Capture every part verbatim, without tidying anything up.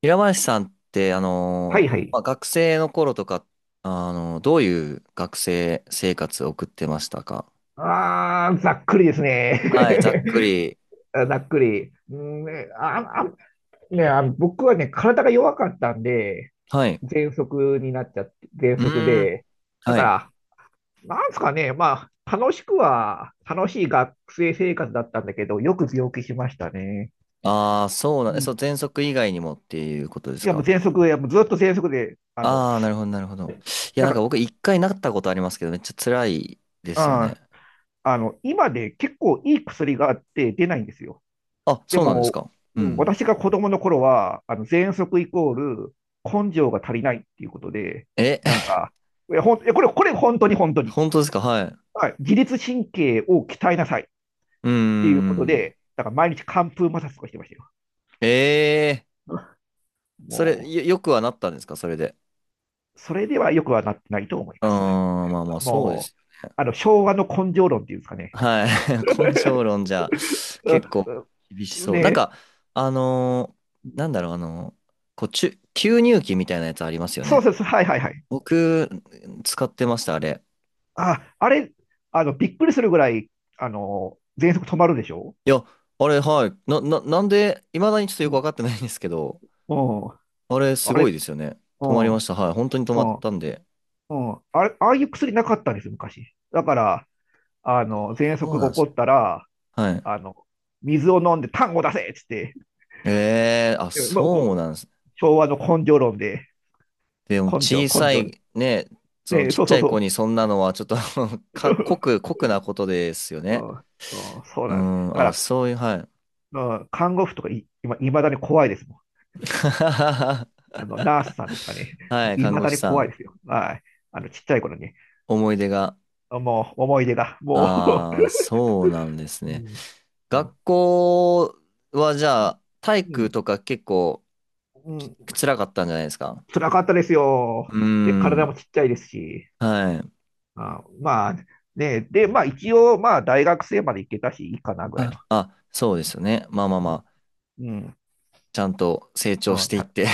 平林さんって、あはのいーはい。まあ、学生の頃とか、あのーどういう学生生活を送ってましたか？ああ、ざっくりですね。はい、ざっく り。あざっくり。うんね、あ、あ、ね、あの、僕はね、体が弱かったんで、はい。喘息になっちゃって、喘う息ーん。で。だはかい。ら、なんですかね、まあ、楽しくは、楽しい学生生活だったんだけど、よく病気しましたね。ああ、そうなうん、えそう、ん。前職以外にもっていうことでいすや、もうか？喘息、いや、もうずっと喘息で、あの、ああー、なるほど、なるほど。いや、だなんかか僕一回なったことありますけど、めっちゃ辛いですよら、うね。ん、あの、今で結構いい薬があって出ないんですよ。あ、でそうなんですも、うか？うん、ん。私が子供の頃は、あの、喘息イコール根性が足りないっていうことで、え、なん か、いや、ほん、いやこれ、これ本当に本当に。本当ですか？はい。はい。自律神経を鍛えなさいっうーていうことん。で、だから毎日寒風摩擦とかしてましたよ。ええ ー、それ、もよ、よくはなったんですか、それで。う、それではよくはなってないと思いうーます。ん、まあまあ、そうでもう、す。あの、昭和の根性論っていうんですかね。はい。根性論じゃう結ん構厳しうん。そねう。なんえ、か、あのーなんだろう、あのーこう、注吸入器みたいなやつありますよそうね。そうそう、はいはいはい。僕、使ってました、あれ。あ、あれ、あの、びっくりするぐらい、あの、喘息止まるでしょ。いや、あれ、はい。な、な、なんで、いまだにちょっとうよくわん。かってないんですけど、うん。あれ、すあごれ、いですよね。う止まりん、うました。はい。本当に止まっん、たんで。うん。あれ、ああいう薬なかったんですよ、昔。だから、あの、喘そう息がなん起でこすね。ったら、はい。あの、水を飲んで痰を出せっつって、えー、あ、うん、まあ、そうこなんです。昭和の根性論で、でも、根性、小根さ性で。い、ね、そのね、ちっそうちそゃういそ子う。にそんなのは、ちょっと か、酷、酷なことですようね。んうん、そううなんです。ん、あ、だかそういう、はい。ら、うん、看護婦とかい、今、いまだに怖いですもん。あの、ナースさんですかね。はもい、うい看ま護だ師にさ怖いでん。すよ。はい。あの、ちっちゃい頃に。思い出が。もう、思い出が。もああ、そうなんですう、うね。ん、う学ん、校はじゃあ、体う育ん。とか結構うん、辛かったんじゃないですか？辛かったですうよ。ーで、体もん、ちっちゃいですし。はい。あ、まあ、ね、で、まあ一応、まあ大学生まで行けたし、いいかなぐらいあ、の。あ、そうですよね。まあまあうまん。あ、うん。ちゃんと成長していったて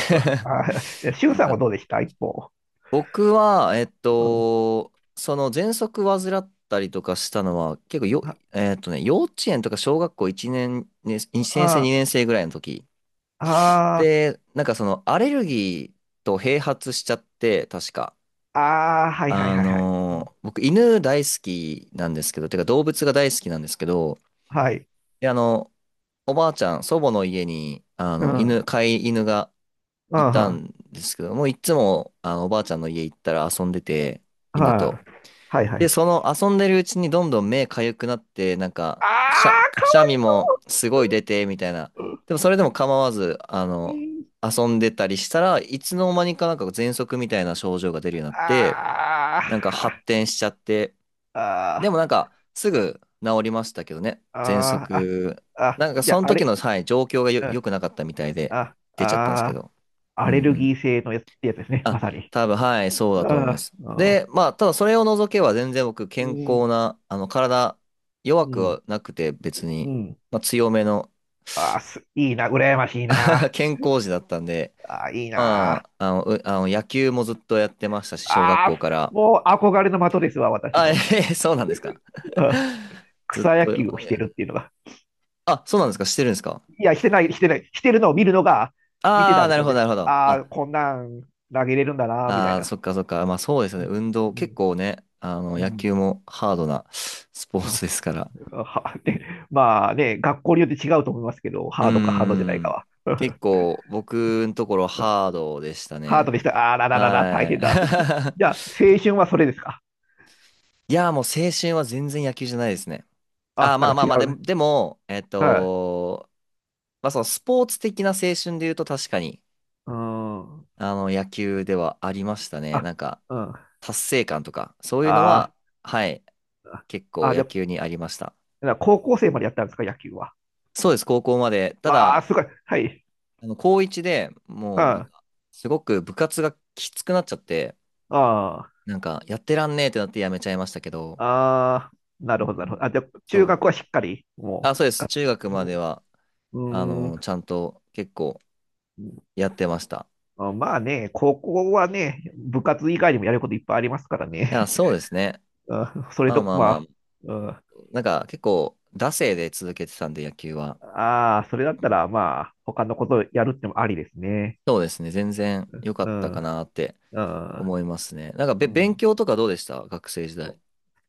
あ、し ゅうよさんかっはどうた。でした一方。僕は、えっうん。と、その喘息患ったりとかしたのは、結構よ、あ、えっとね、幼稚園とか小学校いちねん、ね、いちねん生、あ、にねん生ぐらいの時。あー、で、なんかそのアレルギーと併発しちゃって、確か。あー、はいはいあはいはい。のー、僕犬大好きなんですけど、てか動物が大好きなんですけど、はい。で、あの、おばあちゃん、祖母の家に、あうの、ん。う犬、ん。飼い犬がいたはんですけど、もういつも、あの、おばあちゃんの家行ったら遊んでて、い。犬はと。いはで、そい。の遊んでるうちにどんどん目かゆくなって、なんあか、くしゃ、あ、くかわしゃみいもすごい出て、みたいな。そう。でもそれでも構わず、あうの、ん。遊んでたりしたらいつの間にかなんか喘息みたいな症状が出るようになって、あなんか発ああ展しちゃって、あでもなんかすぐ治りましたけどね、喘ああ、息。ああ、なんかじゃそのあ、あ時れ、の、はい、状況がよ、うん、良くなかったみたいで、あ、出ちゃったんですけあど。うアんうレルギん、ー性のやつ、ってやつですね、まあ、さに。多分、はい、そうだと思いまあす。あ、で、まあ、ただそれを除けば全然僕、う健康ん、な、あの、体、弱うくん、はなくて別うに、ん。まあ、強めの ああ、す、いいな、羨ましい な。健康児だったんで、ああ、いいまな。あ、あの、うあの野球もずっとやってましたし、小学ああ、校から。もう憧れの的ですわ、私あ、えの。へへそうなんですか？うん。 ずっ草と、野球をいしやてるっていうのが。あ、そうなんですか、してるんですか？いや、してない、してない。してるのを見るのが、見てあたんあ、でなするよほど、ね。なるほど。ああ、あ、こんなん投げれるんだな、みたいあー、な。そっか、そっか。まあ、そうですようね。ん、運動、う結ん、構ね、あの、う野ん。球もハードなスポーあツですから。はでまあね、学校によって違うと思いますけど、うーハードかハードじゃないかん。は。結構僕のところ ハードでしたハートね。でした。あらららら、大は変だ。い。じゃあ、青春はそれですか。いや、もう青春は全然野球じゃないですね。あ、あ、なまあんまかあ違まあ、でうも、ね。でも、えっはい。と、まあそのスポーツ的な青春で言うと確かに、うーん。あの、野球ではありましたね。あ、なんか、うん。達成感とか、そういうのあは、ー。はい、結構あ、じ野ゃ球にありました。あ、高校生までやったんですか、野球は。そうです、高校まで。たわあ、だ、すごい。はい。あの、高こういちでうん。もう、なんあか、すごく部活がきつくなっちゃって、あ、なんか、やってらんねえってなってやめちゃいましたけど、ああ、なうるほど、なるほど。あ、じん。ゃあ、中そ学う。はしっかり、あ、もそうです。中う、学までは、うあん。うの、ちゃんと結構ーん、やってました。あ、まあね、高校はね、部活以外にもやることいっぱいありますからいや、ね。そうですね。うん、それまあと、まあまあ、まあ、うん、なんか結構、惰性で続けてたんで、野球は。ああ、それだっうたら、ん、まあ、他のことやるってもありですね。そうですね。全然良かうったん。かなってうん。思いますね。なんかうべ、勉ん。強とかどうでした学生時代。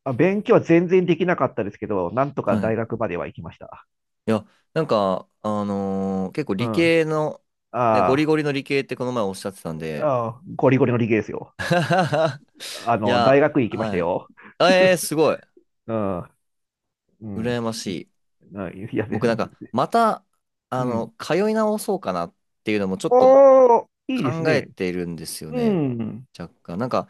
あ、勉強は全然できなかったですけど、なんとはかい。大い学までは行きました。や、なんか、あのー結構理う系の、ね、ゴリゴん。ああ、リの理系ってこの前おっしゃってたんで、ああ、ゴリゴリの理系ですよ。あいの、大や、学院行きましたはい。よ。ええー、すごい。うん。うん。羨ましいい。あ いや、で、僕なんか、また、あうん。の、通い直そうかなっていうのもちょっとおー、いいです考えね。ているんですようね。ん。若干。なんか、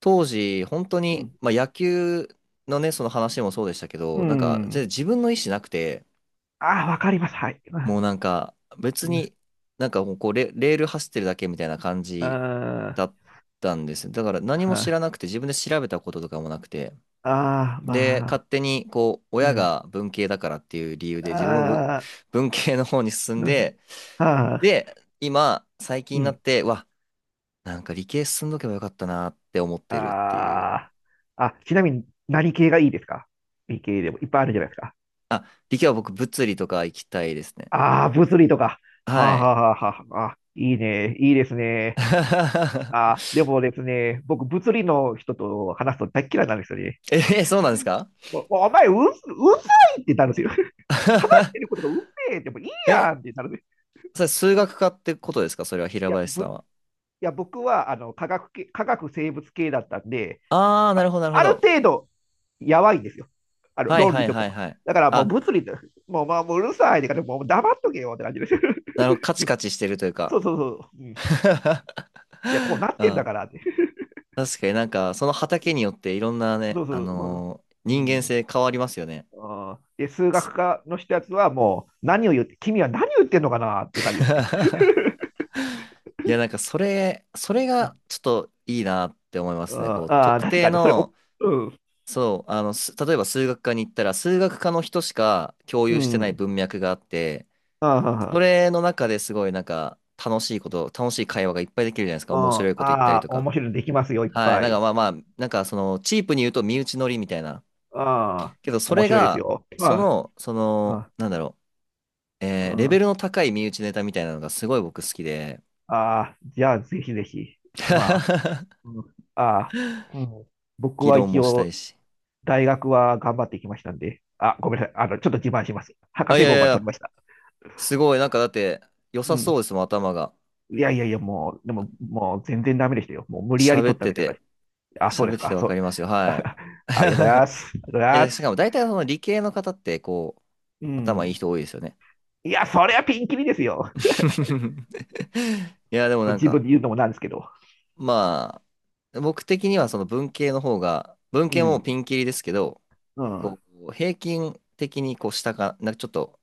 当時、本当うに、ん。まあ、野球のね、その話もそうでしたけうど、なんか、全然ん。自分の意思なくて、ああ、わかります。はい。もうなんか、う別に、ん。なんかもうこうレ、レール走ってるだけみたいな感じあだったんです。だから、あ、何もは知あ、らなくて、自分で調べたこととかもなくて、ああ、で、まあ、勝手に、こう、う親ん。が文系だからっていう理由で、自分もぶあ文系の方に進んー、うん、で、あで、今、最近ー、うになっん、て、うわ、なんか理系進んどけばよかったなって思ってるっていう。あー、あ、ちなみに何系がいいですか。理系でもいっぱいあるじゃないですか。あ、理系は僕、物理とか行きたいですね。ああ、物理とか。ははあ、い。はあはあはあ、あ、いいね、いいですね。ああ でもですね、僕、物理の人と話すと大っ嫌いなんですよね。え、そうなんですか？ もう、もうお前、う、うざいってなるんですよ。話してること がうぜえでもいいえ、やんってなるんです。それ数学科ってことですか、それは平いや、林ぶ、さんいは。や、僕は、あの、科学系、科学生物系だったんで、あー、なるほど、なるほあるど。程度、やばいんですよ。あの、はい論は理いとかはいの。はい。だから、もうあ、物理と、もう、まあ、もううるさいってから、もう黙っとけよって感じです。なるほど、カチカチしてるというそか。うそうそう。うん、い や、こうなっうてんだん、からって。確かになんか、その畑によっていろんなそね、うそあう。のーう人間ん。うん、性変わりますよね。あ、で、数す 学 科の人やつは、もう、何を言って、君は何を言ってんのかなっていう感じですね。いや、なんかそれ、それがちょっといいなって思いまうん、すね。こう、ああ、特確定かに。それ、おの、うん、そう、あの、す例えば数学科に行ったら、数学科の人しか共う有してないん。文脈があって、そあれの中ですごいなんか楽しいこと、楽しい会話がいっぱいできるじゃないですか。面白あ、いこと言ったりああ、とか。面白いのできますよ、いっはい。ぱなんかい。まあまあ、なんかその、チープに言うと身内乗りみたいな。ああ、けど、そ面れ白いですが、よ。そあの、その、あ、なんだろう。えーレベああ、ルの高い身内ネタみたいなのがすごい僕好きで、ああ、じゃあ、ぜひぜひ。まあ、うん、ああ、うん、僕議は論一もしたい応、し。大学は頑張ってきましたんで、あ、ごめんなさい。あの、ちょっと自慢します。博あ、い士やい号やいまで取りや、ました。すごい、なんかだって、良うさそうん。ですもん、頭が。いやいやいや、もう、でも、もう全然ダメでしたよ。もう無理やり喋っ取ったてみたいなて、感じ。あ、そうで喋っすててか。わそかう。りますよ、はい。ありがとうございます。ありがとうご いざいまや、しかもす。大体その理系の方って、こう、う頭いいん。人多いですよね。いや、それはピンキリですよ。いや、でももうなん自分か、で言うのもなんですけど。まあ、僕的にはその文系の方が、文う系もん。ピンキリですけど、うん。こう、平均的にこう下か、なんかちょっと、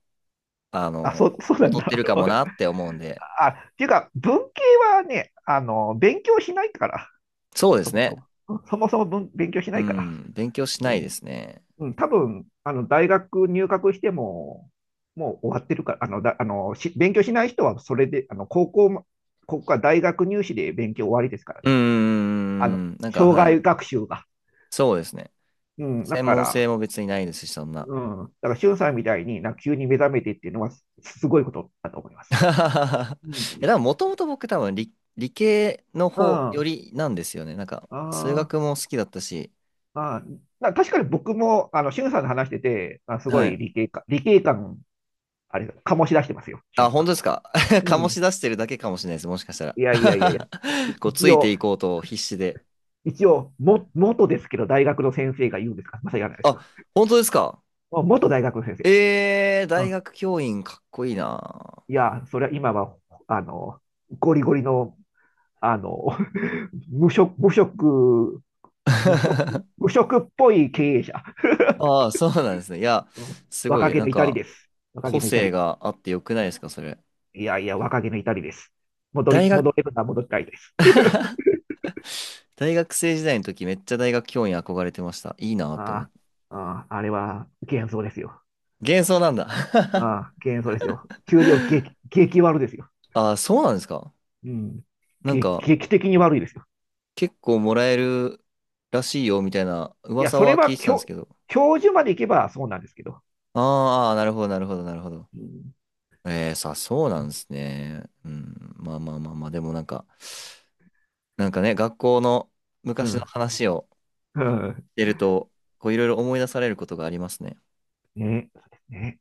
ああ、の、そ、そうなん劣ってだ。るかもなっ て思うんで。あ、っていうか、文系はね、あの、勉強しないから、そうでそすもそね。も。そもそも文勉強しなういから。ん。勉強しなういでん。すね。うん、多分、あの、大学入学しても、もう終わってるから、あの、だ、あの、し、勉強しない人はそれで、あの、高校も、ここは大学入試で勉強終わりですからうーね。あの、ん。なんか、生は涯い。学習が。そうですね。うん、だ専か門ら、性も別にないですし、そんな。うん、だから、しゅんさんみたいに、なんか急に目覚めてっていうのは、すすごいことだと思いま す。いうや、でん。も、もともと僕多分理、理系のうん。方よありなんですよね。なんか、数あ。学も好きだったし。あ、な確かに僕も、あの、しゅんさんの話してて、あ、すごはいい。理系か、理系感、あれ、醸し出してますよ、しゅあ、ん本さ。当ですか？うん。う醸ん。し出してるだけかもしれないです。もしかしたら。いやいやいやいや、い こう、つ一いて応、いこうと必死で。一応、も、元ですけど、大学の先生が言うんですか、まさ言わないですあ、よ。本当ですか？あ、元大学の先生。えー、う大ん。学教員かっこいいな。いや、それは今は、あの、ゴリゴリの、あの、無職、無職、無職、無職っぽい経営者。ああ、そうなんですね。いや、うん、すご若い、気なのん至りか、です。若個気の至性り。があってよくないですか、それ。いやいや、若気の至りです。戻り、大学、戻れるなら戻りたいです。大学生時代の時、めっちゃ大学教員憧れてました。いいなって思っあて。あ、ああ、あれは幻想ですよ。幻想なんだ。ああ、幻想ですよ。給料激、激悪ですよ。ああ、そうなんですか？うん。なん劇、か、劇的に悪いですよ。結構もらえるらしいよ、みたいないや、噂それはは聞いてたんです教、けど。教授まで行けばそうなんですけど。あーあー、なるほど、なるほど、なるほど。うん。ええ、さ、そうなんですね。うん、まあまあまあまあ、でもなんか、なんかね、学校のう昔のん。話をうん。してると、こう、いろいろ思い出されることがありますね。ね。そうですね。